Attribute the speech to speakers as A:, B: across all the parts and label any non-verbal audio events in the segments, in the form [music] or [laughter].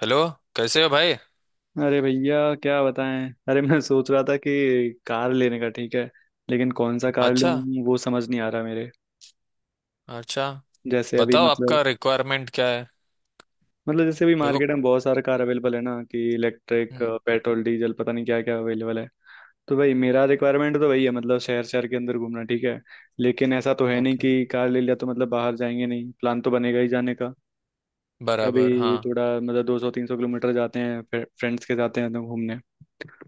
A: Hello. कैसे हो भाई।
B: अरे भैया, क्या बताएं। अरे मैं सोच रहा था कि कार लेने का ठीक है, लेकिन कौन सा कार
A: अच्छा।
B: लूं वो समझ नहीं आ रहा मेरे।
A: अच्छा,
B: जैसे अभी
A: बताओ
B: मतलब
A: आपका रिक्वायरमेंट क्या है।
B: जैसे अभी
A: देखो,
B: मार्केट में बहुत सारा कार अवेलेबल है ना, कि इलेक्ट्रिक
A: हम्म।
B: पेट्रोल डीजल पता नहीं क्या क्या अवेलेबल है। तो भाई मेरा रिक्वायरमेंट तो वही है, मतलब शहर शहर के अंदर घूमना ठीक है। लेकिन ऐसा तो है नहीं
A: ओके।
B: कि कार ले लिया तो मतलब बाहर जाएंगे नहीं, प्लान तो बनेगा ही जाने का।
A: बराबर
B: कभी
A: हाँ।
B: थोड़ा मतलब 200-300 किलोमीटर जाते हैं, फिर फ्रेंड्स के जाते हैं तो घूमने।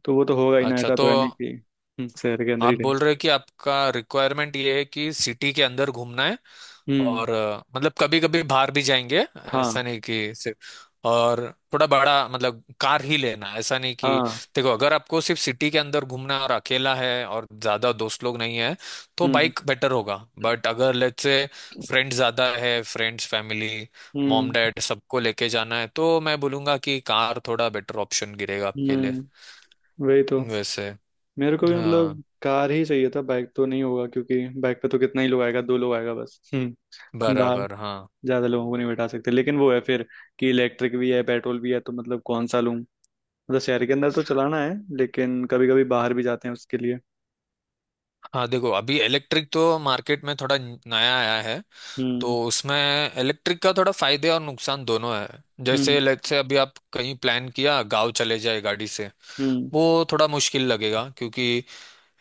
B: तो वो तो होगा ही ना,
A: अच्छा
B: ऐसा
A: तो
B: तो है नहीं कि। शहर के अंदर
A: आप
B: ही।
A: बोल रहे हो कि आपका रिक्वायरमेंट ये है कि सिटी के अंदर घूमना है
B: हम्म।
A: और मतलब कभी कभी बाहर भी जाएंगे।
B: हाँ।
A: ऐसा नहीं कि सिर्फ और थोड़ा बड़ा मतलब कार ही लेना, ऐसा नहीं कि।
B: हाँ।
A: देखो, अगर आपको सिर्फ सिटी के अंदर घूमना है और अकेला है और ज्यादा दोस्त लोग नहीं है तो
B: हम्म।
A: बाइक बेटर होगा।
B: हम्म,
A: बट अगर लेट्स से फ्रेंड ज्यादा है, फ्रेंड्स फैमिली मॉम
B: हम्म।
A: डैड सबको लेके जाना है तो मैं बोलूंगा कि कार थोड़ा बेटर ऑप्शन गिरेगा आपके लिए।
B: हम्म। वही तो,
A: वैसे
B: मेरे को भी
A: हाँ,
B: मतलब कार ही चाहिए था, बाइक तो नहीं होगा क्योंकि बाइक पे तो कितना ही लोग आएगा, दो लोग आएगा बस। हम्म। बाहर
A: बराबर हाँ।
B: ज्यादा लोगों को नहीं बैठा सकते, लेकिन वो है फिर कि इलेक्ट्रिक भी है पेट्रोल भी है, तो मतलब कौन सा लूं। मतलब शहर के अंदर तो चलाना है, लेकिन कभी कभी बाहर भी जाते हैं, उसके लिए।
A: हाँ देखो, अभी इलेक्ट्रिक तो मार्केट में थोड़ा नया आया है। तो
B: हम्म।
A: उसमें इलेक्ट्रिक का थोड़ा फायदे और नुकसान दोनों है। जैसे
B: हम्म।
A: लेट से अभी आप कहीं प्लान किया गांव चले जाए गाड़ी से,
B: हम्म।
A: वो थोड़ा मुश्किल लगेगा क्योंकि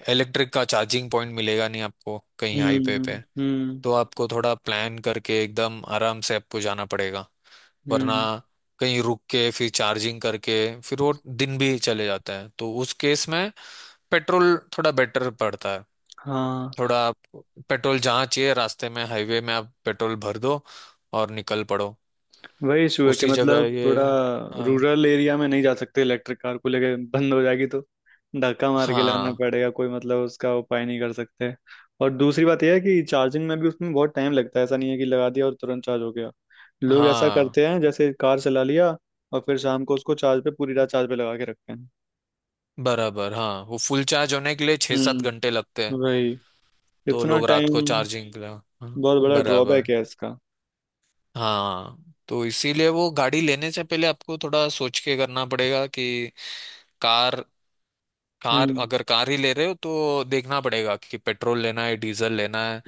A: इलेक्ट्रिक का चार्जिंग पॉइंट मिलेगा नहीं आपको कहीं हाईवे
B: हम्म।
A: पे।
B: हम्म।
A: तो आपको थोड़ा प्लान करके एकदम आराम से आपको जाना पड़ेगा, वरना
B: हम्म।
A: कहीं रुक के फिर चार्जिंग करके फिर वो दिन भी चले जाता है। तो उस केस में पेट्रोल थोड़ा बेटर पड़ता है।
B: हाँ।
A: थोड़ा आप पेट्रोल जहाँ चाहिए, रास्ते में हाईवे में आप पेट्रोल भर दो और निकल पड़ो
B: वही इशू है कि
A: उसी जगह
B: मतलब
A: ये।
B: थोड़ा
A: हाँ
B: रूरल एरिया में नहीं जा सकते, इलेक्ट्रिक कार को लेके, बंद हो जाएगी तो धक्का मार के लाना
A: हाँ
B: पड़ेगा। कोई मतलब उसका उपाय नहीं कर सकते। और दूसरी बात यह है कि चार्जिंग में भी उसमें बहुत टाइम लगता है, ऐसा नहीं है कि लगा दिया और तुरंत चार्ज हो गया। लोग ऐसा
A: हाँ,
B: करते हैं, जैसे कार चला लिया और फिर शाम को उसको चार्ज पे, पूरी रात चार्ज पे लगा के रखते हैं।
A: बराबर हाँ। वो फुल चार्ज होने के लिए छः सात
B: हम्म।
A: घंटे लगते हैं।
B: वही।
A: तो
B: इतना
A: लोग रात
B: टाइम।
A: को चार्जिंग के लिए, हाँ,
B: बहुत बड़ा
A: बराबर
B: ड्रॉबैक है इसका।
A: हाँ। तो इसीलिए वो गाड़ी लेने से पहले आपको थोड़ा सोच के करना पड़ेगा कि कार,
B: हम्म।
A: अगर कार ही ले रहे हो तो देखना पड़ेगा कि पेट्रोल लेना है डीजल लेना है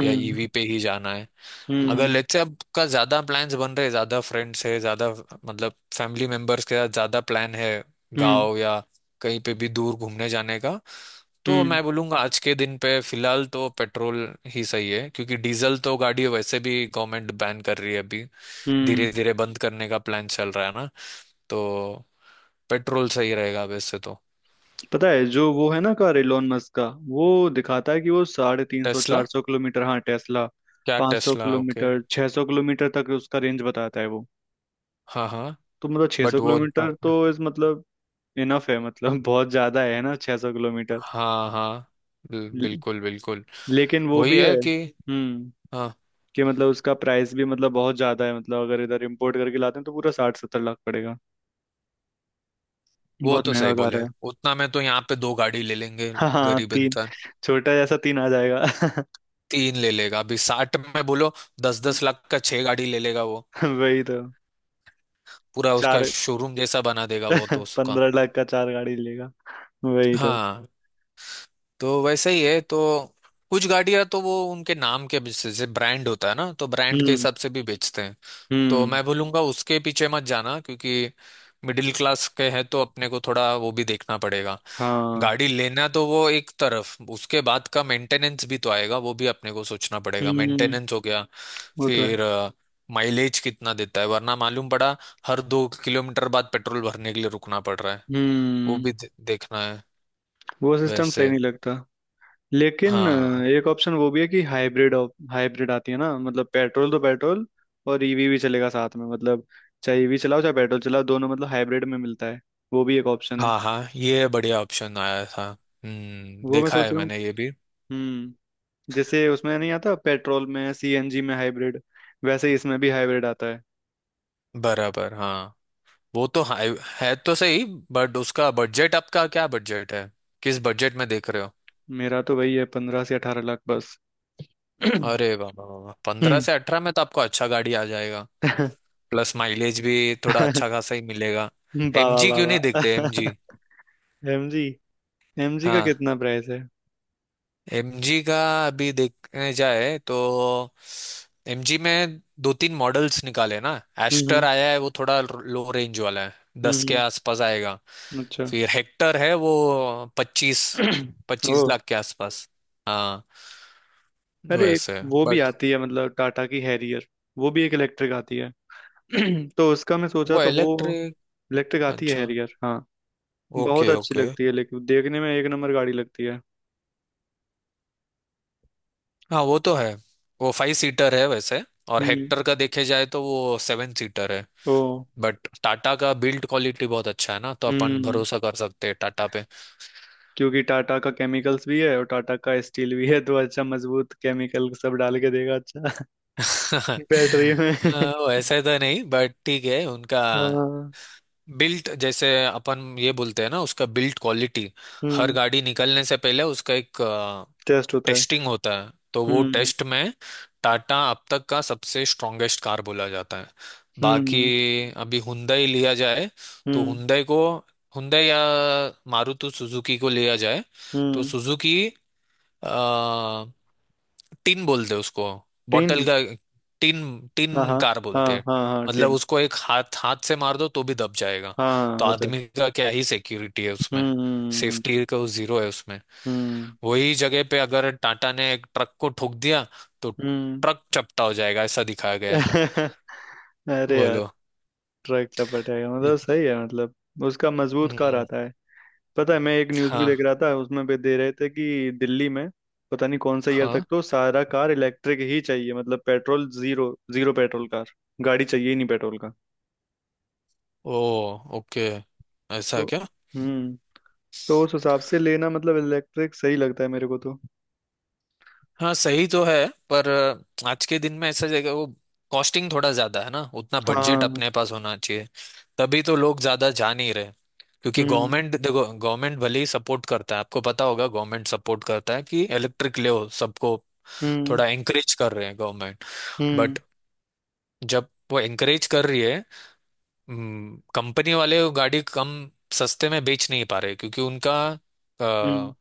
A: या ईवी पे ही जाना है। अगर
B: हम्म।
A: लेट्स से आपका ज्यादा प्लान्स बन रहे, ज्यादा फ्रेंड्स है, ज्यादा मतलब फैमिली मेंबर्स के साथ ज्यादा प्लान है
B: हम्म।
A: गाँव या कहीं पे भी दूर घूमने जाने का, तो
B: हम्म।
A: मैं बोलूंगा आज के दिन पे फिलहाल तो पेट्रोल ही सही है क्योंकि डीजल तो गाड़ी वैसे भी गवर्नमेंट बैन कर रही है अभी,
B: हम्म।
A: धीरे धीरे बंद करने का प्लान चल रहा है ना। तो पेट्रोल सही रहेगा वैसे तो।
B: पता है जो वो है ना, कार एलोन मस्क का, वो दिखाता है कि वो साढ़े तीन सौ
A: टेस्ला?
B: चार सौ किलोमीटर हाँ, टेस्ला।
A: क्या
B: पाँच सौ
A: टेस्ला, ओके।
B: किलोमीटर 600 किलोमीटर तक उसका रेंज बताता है वो।
A: हाँ हाँ,
B: तो मतलब छह
A: बट
B: सौ
A: वो
B: किलोमीटर
A: आपने।
B: तो इस मतलब, इनफ है मतलब। [laughs] बहुत ज्यादा है ना 600 किलोमीटर।
A: हाँ हाँ,
B: ल-
A: बिल्कुल बिल्कुल।
B: लेकिन वो
A: वही
B: भी है
A: है कि हाँ,
B: कि मतलब उसका प्राइस भी मतलब बहुत ज्यादा है। मतलब अगर इधर इम्पोर्ट करके लाते हैं तो पूरा 60-70 लाख पड़ेगा।
A: वो
B: बहुत
A: तो
B: महंगा
A: सही
B: कार
A: बोले।
B: है। [laughs]
A: उतना में तो यहाँ पे दो गाड़ी ले लेंगे,
B: हाँ हाँ।
A: गरीब
B: तीन।
A: इंसान।
B: छोटा जैसा तीन आ जाएगा।
A: तीन ले लेगा अभी 60 में बोलो, 10-10 लाख
B: [laughs]
A: का छह गाड़ी ले लेगा वो।
B: वही तो।
A: पूरा उसका
B: चार।
A: शोरूम जैसा बना देगा वो तो
B: [laughs]
A: उसका।
B: 15 लाख का चार गाड़ी लेगा। वही तो।
A: हाँ, तो वैसे ही है। तो कुछ गाड़ियां तो वो उनके नाम के बेसिस से ब्रांड होता है ना, तो ब्रांड के
B: हम्म।
A: हिसाब से भी बेचते हैं। तो
B: हम्म।
A: मैं बोलूंगा उसके पीछे मत जाना क्योंकि मिडिल क्लास के हैं तो अपने को थोड़ा वो भी देखना पड़ेगा।
B: हाँ।
A: गाड़ी लेना तो वो एक तरफ, उसके बाद का मेंटेनेंस भी तो आएगा, वो भी अपने को सोचना पड़ेगा।
B: हम्म।
A: मेंटेनेंस हो गया,
B: वो तो है।
A: फिर माइलेज कितना देता है, वरना मालूम पड़ा हर 2 किलोमीटर बाद पेट्रोल भरने के लिए रुकना पड़ रहा है। वो
B: हम्म।
A: भी देखना है
B: वो सिस्टम सही
A: वैसे।
B: नहीं लगता, लेकिन
A: हाँ
B: एक ऑप्शन वो भी है कि हाइब्रिड। हाइब्रिड आती है ना, मतलब पेट्रोल तो पेट्रोल, और ईवी भी चलेगा साथ में, मतलब चाहे ईवी चलाओ चाहे पेट्रोल चलाओ, दोनों मतलब हाइब्रिड में मिलता है। वो भी एक ऑप्शन है।
A: हाँ हाँ, ये बढ़िया ऑप्शन आया था। हम्म,
B: वो मैं
A: देखा
B: सोच
A: है
B: रहा हूँ।
A: मैंने ये भी।
B: हम्म। जैसे उसमें नहीं आता पेट्रोल में, सीएनजी में हाइब्रिड, वैसे ही इसमें भी हाइब्रिड आता है।
A: बराबर हाँ, वो तो है तो सही। बट उसका बजट, आपका क्या बजट है? किस बजट में देख रहे हो?
B: मेरा तो वही है 15 से 18 लाख बस। [clears throat]
A: अरे बाबा, पंद्रह
B: हम्म।
A: से अठारह में तो आपको अच्छा गाड़ी आ जाएगा।
B: [laughs]
A: प्लस माइलेज भी थोड़ा अच्छा खासा ही मिलेगा।
B: बाबा
A: एमजी क्यों
B: बाबा।
A: नहीं देखते
B: [laughs]
A: एमजी?
B: एमजी। एमजी का
A: हाँ,
B: कितना प्राइस है?
A: एमजी का अभी देखने जाए तो एमजी में दो तीन मॉडल्स निकाले ना। एस्टर
B: हम्म।
A: आया है, वो थोड़ा लो रेंज वाला है,
B: हम्म।
A: 10 के आसपास आएगा।
B: अच्छा।
A: फिर हेक्टर है वो, पच्चीस
B: [clears throat] ओ।
A: 25 लाख के आसपास। हाँ
B: अरे एक,
A: वैसे,
B: वो भी
A: बट
B: आती है, मतलब टाटा की हैरियर, वो भी एक इलेक्ट्रिक आती है। [clears throat] तो उसका मैं सोचा
A: वो
B: तो वो
A: इलेक्ट्रिक।
B: इलेक्ट्रिक आती है
A: अच्छा,
B: हैरियर। हाँ, बहुत
A: ओके
B: अच्छी
A: ओके।
B: लगती है, लेकिन देखने में एक नंबर गाड़ी लगती है।
A: हाँ वो तो है, वो फाइव सीटर है वैसे। और
B: हम्म।
A: हेक्टर का देखे जाए तो वो सेवन सीटर है।
B: ओ।
A: बट टाटा का बिल्ड क्वालिटी बहुत अच्छा है ना, तो अपन
B: हम्म।
A: भरोसा कर सकते हैं टाटा पे।
B: क्योंकि टाटा का केमिकल्स भी है और टाटा का स्टील भी है, तो अच्छा मजबूत केमिकल सब डाल के देगा, अच्छा
A: [laughs]
B: बैटरी में। [laughs]
A: वैसे तो नहीं, बट ठीक है उनका
B: हाँ।
A: बिल्ट। जैसे अपन ये बोलते हैं ना, उसका बिल्ट क्वालिटी। हर
B: हम्म।
A: गाड़ी निकलने से पहले उसका एक
B: टेस्ट होता है।
A: टेस्टिंग होता है। तो वो
B: हम्म।
A: टेस्ट में टाटा अब तक का सबसे स्ट्रॉन्गेस्ट कार बोला जाता है। बाकी,
B: हम्म।
A: अभी हुंडई लिया जाए तो
B: हम्म।
A: हुंडई को, हुंडई या मारुति सुजुकी को लिया जाए, तो
B: हम्म।
A: सुजुकी, आ, टिन बोलते हैं उसको,
B: टिन।
A: बॉटल का टिन।
B: हाँ
A: टिन
B: हाँ।
A: कार
B: हाँ
A: बोलते हैं।
B: हाँ हाँ,
A: मतलब
B: टिन।
A: उसको एक हाथ हाथ से मार दो तो भी दब जाएगा।
B: हाँ
A: तो
B: होता है।
A: आदमी का क्या ही सिक्योरिटी है उसमें।
B: हम्म।
A: सेफ्टी का जीरो है उसमें।
B: हम्म।
A: वही जगह पे अगर टाटा ने एक ट्रक को ठोक दिया तो
B: हम्म।
A: ट्रक चपटा हो जाएगा, ऐसा दिखाया गया है।
B: [laughs] अरे यार।
A: बोलो।
B: ट्रक चपट है मतलब सही है, मतलब उसका मजबूत कार
A: हम्म,
B: आता है। पता है मैं एक न्यूज़ भी देख
A: हाँ
B: रहा था, उसमें भी दे रहे थे कि दिल्ली में पता नहीं कौन सा ईयर तक
A: हाँ।
B: तो सारा कार इलेक्ट्रिक ही चाहिए, मतलब petrol zero. Zero petrol car, गाड़ी चाहिए ही नहीं पेट्रोल।
A: ओ, ओके। ऐसा
B: तो।
A: है क्या?
B: हम्म। तो उस हिसाब से लेना मतलब इलेक्ट्रिक सही लगता है मेरे को तो।
A: हाँ सही तो है, पर आज के दिन में ऐसा जगह वो कॉस्टिंग थोड़ा ज्यादा है ना, उतना बजट
B: हाँ।
A: अपने पास होना चाहिए। तभी तो लोग ज्यादा जा नहीं रहे। क्योंकि
B: हम्म।
A: गवर्नमेंट, देखो गवर्नमेंट भले ही सपोर्ट करता है, आपको पता होगा गवर्नमेंट सपोर्ट करता है कि इलेक्ट्रिक ले सबको,
B: हम्म।
A: थोड़ा एंकरेज कर रहे हैं गवर्नमेंट।
B: हम्म।
A: बट जब वो एंकरेज कर रही है, कंपनी वाले वो गाड़ी कम सस्ते में बेच नहीं पा रहे क्योंकि उनका
B: हम्म।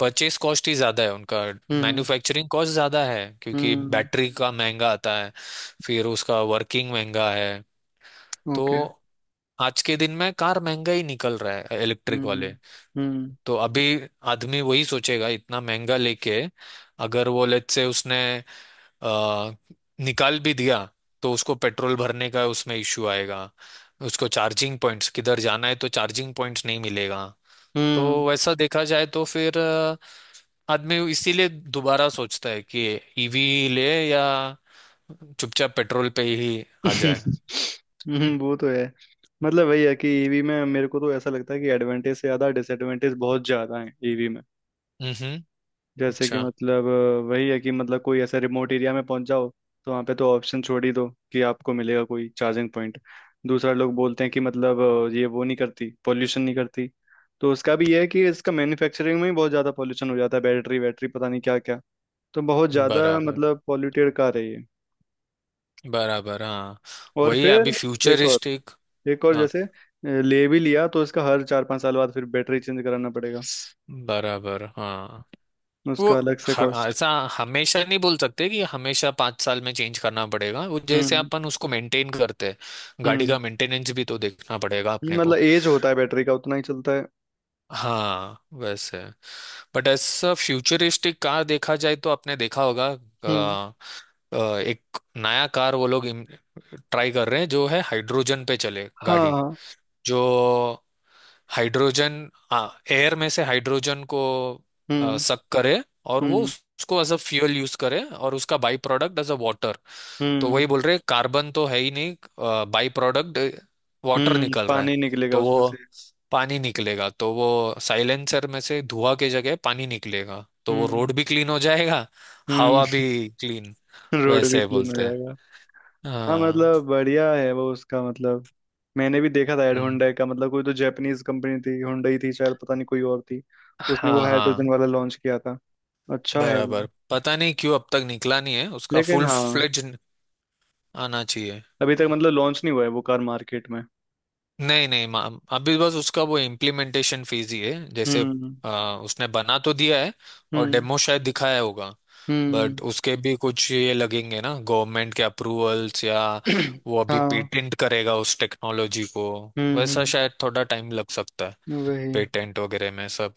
A: परचेस कॉस्ट ही ज़्यादा है। उनका
B: हम्म।
A: मैन्युफैक्चरिंग कॉस्ट ज़्यादा है क्योंकि
B: हम्म।
A: बैटरी का महंगा आता है। फिर उसका वर्किंग महंगा है। तो
B: ओके।
A: आज के दिन में कार महंगा ही निकल रहा है इलेक्ट्रिक
B: हम्म।
A: वाले।
B: हम्म।
A: तो अभी आदमी वही सोचेगा इतना महंगा लेके, अगर वो लेट से उसने अ, निकाल भी दिया तो उसको पेट्रोल भरने का उसमें इश्यू आएगा। उसको चार्जिंग पॉइंट्स, किधर जाना है तो चार्जिंग पॉइंट्स नहीं मिलेगा। तो
B: हम्म।
A: वैसा देखा जाए तो फिर आदमी इसीलिए दोबारा सोचता है कि ईवी ले या चुपचाप पेट्रोल पे ही आ जाए।
B: [laughs] वो तो है। मतलब वही है कि ईवी में मेरे को तो ऐसा लगता है कि एडवांटेज से ज्यादा डिसएडवांटेज बहुत ज्यादा है ईवी में।
A: हम्म,
B: जैसे कि
A: अच्छा।
B: मतलब वही है कि मतलब कोई ऐसा रिमोट एरिया में पहुंच जाओ, तो वहाँ पे तो ऑप्शन छोड़ ही दो कि आपको मिलेगा कोई चार्जिंग पॉइंट। दूसरा, लोग बोलते हैं कि मतलब ये वो नहीं करती, पोल्यूशन नहीं करती। तो उसका भी ये है कि इसका मैन्युफैक्चरिंग में ही बहुत ज़्यादा पोल्यूशन हो जाता है, बैटरी वैटरी पता नहीं क्या क्या। तो बहुत ज़्यादा
A: बराबर,
B: मतलब पॉल्यूटेड कार है ये।
A: बराबर हाँ।
B: और
A: वही अभी
B: फिर एक और
A: फ्यूचरिस्टिक।
B: एक और
A: हाँ
B: जैसे ले भी लिया तो इसका हर 4-5 साल बाद फिर बैटरी चेंज कराना पड़ेगा,
A: बराबर हाँ। वो
B: उसका अलग से
A: हर
B: कॉस्ट।
A: ऐसा, हमेशा नहीं बोल सकते कि हमेशा 5 साल में चेंज करना पड़ेगा। वो जैसे
B: हम्म।
A: अपन उसको मेंटेन करते हैं, गाड़ी
B: हम्म।
A: का मेंटेनेंस भी तो देखना पड़ेगा अपने
B: मतलब
A: को।
B: एज होता है बैटरी का, उतना ही चलता है।
A: हाँ वैसे, बट ऐसा फ्यूचरिस्टिक कार देखा जाए तो आपने देखा होगा,
B: हम्म।
A: एक नया कार वो लोग ट्राई कर रहे हैं जो है हाइड्रोजन पे चले
B: हाँ
A: गाड़ी।
B: हाँ।
A: जो हाइड्रोजन, हाँ एयर में से हाइड्रोजन को
B: हम्म।
A: सक करे और वो
B: हम्म।
A: उसको एज अ फ्यूल यूज करे, और उसका बाई प्रोडक्ट एज अ वाटर। तो
B: हम्म।
A: वही बोल रहे हैं, कार्बन तो है ही नहीं, बाई प्रोडक्ट वाटर
B: हम्म।
A: निकल रहा है।
B: पानी निकलेगा
A: तो वो
B: उसमें से।
A: पानी निकलेगा, तो वो साइलेंसर में से धुआं के जगह पानी निकलेगा तो वो रोड
B: हम्म।
A: भी क्लीन हो जाएगा,
B: हम्म।
A: हवा भी क्लीन।
B: [laughs] रोड भी
A: वैसे
B: क्लीन हो
A: बोलते हैं।
B: जाएगा। हाँ,
A: हाँ।
B: मतलब बढ़िया है वो, उसका मतलब। मैंने भी देखा था एड
A: हम्म,
B: होंडा का, मतलब कोई तो जापानीज कंपनी थी, होंडा ही थी शायद, पता नहीं कोई और थी। उसने वो
A: हाँ
B: हाइड्रोजन
A: हाँ।
B: वाला लॉन्च किया था। अच्छा है
A: बराबर,
B: वो।
A: पता नहीं क्यों अब तक निकला नहीं है उसका
B: लेकिन
A: फुल
B: हाँ,
A: फ्लेज। आना चाहिए।
B: अभी तक मतलब लॉन्च नहीं हुआ है वो कार मार्केट में।
A: नहीं नहीं, अभी बस उसका वो इम्प्लीमेंटेशन फीस ही है, जैसे
B: हम्म।
A: उसने बना तो दिया है और
B: हम्म।
A: डेमो शायद दिखाया होगा।
B: हम्म।
A: बट उसके भी कुछ ये लगेंगे ना, गवर्नमेंट के अप्रूवल्स या
B: [clears throat]
A: वो अभी
B: हाँ।
A: पेटेंट करेगा उस टेक्नोलॉजी को।
B: हम्म।
A: वैसा
B: हम्म।
A: शायद थोड़ा टाइम लग सकता है
B: वही।
A: पेटेंट वगैरह में सब।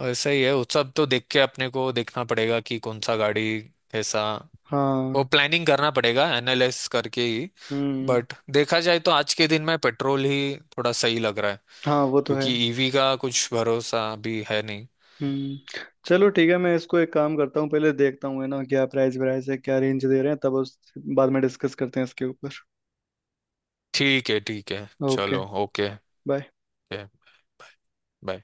A: वैसा ही है, वो सब तो देख के अपने को देखना पड़ेगा कि कौन सा गाड़ी कैसा, वो
B: हाँ।
A: प्लानिंग करना पड़ेगा एनालाइज करके ही।
B: हम्म।
A: बट देखा जाए तो आज के दिन में पेट्रोल ही थोड़ा सही लग रहा है
B: हाँ वो तो है।
A: क्योंकि ईवी का कुछ भरोसा अभी है नहीं।
B: हम्म। चलो ठीक है, मैं इसको एक काम करता हूँ, पहले देखता हूँ है ना, क्या प्राइस वराइस है, क्या रेंज दे रहे हैं, तब उस बाद में डिस्कस करते हैं इसके ऊपर।
A: ठीक है, ठीक है,
B: ओके।
A: चलो ओके।
B: बाय।
A: बाय।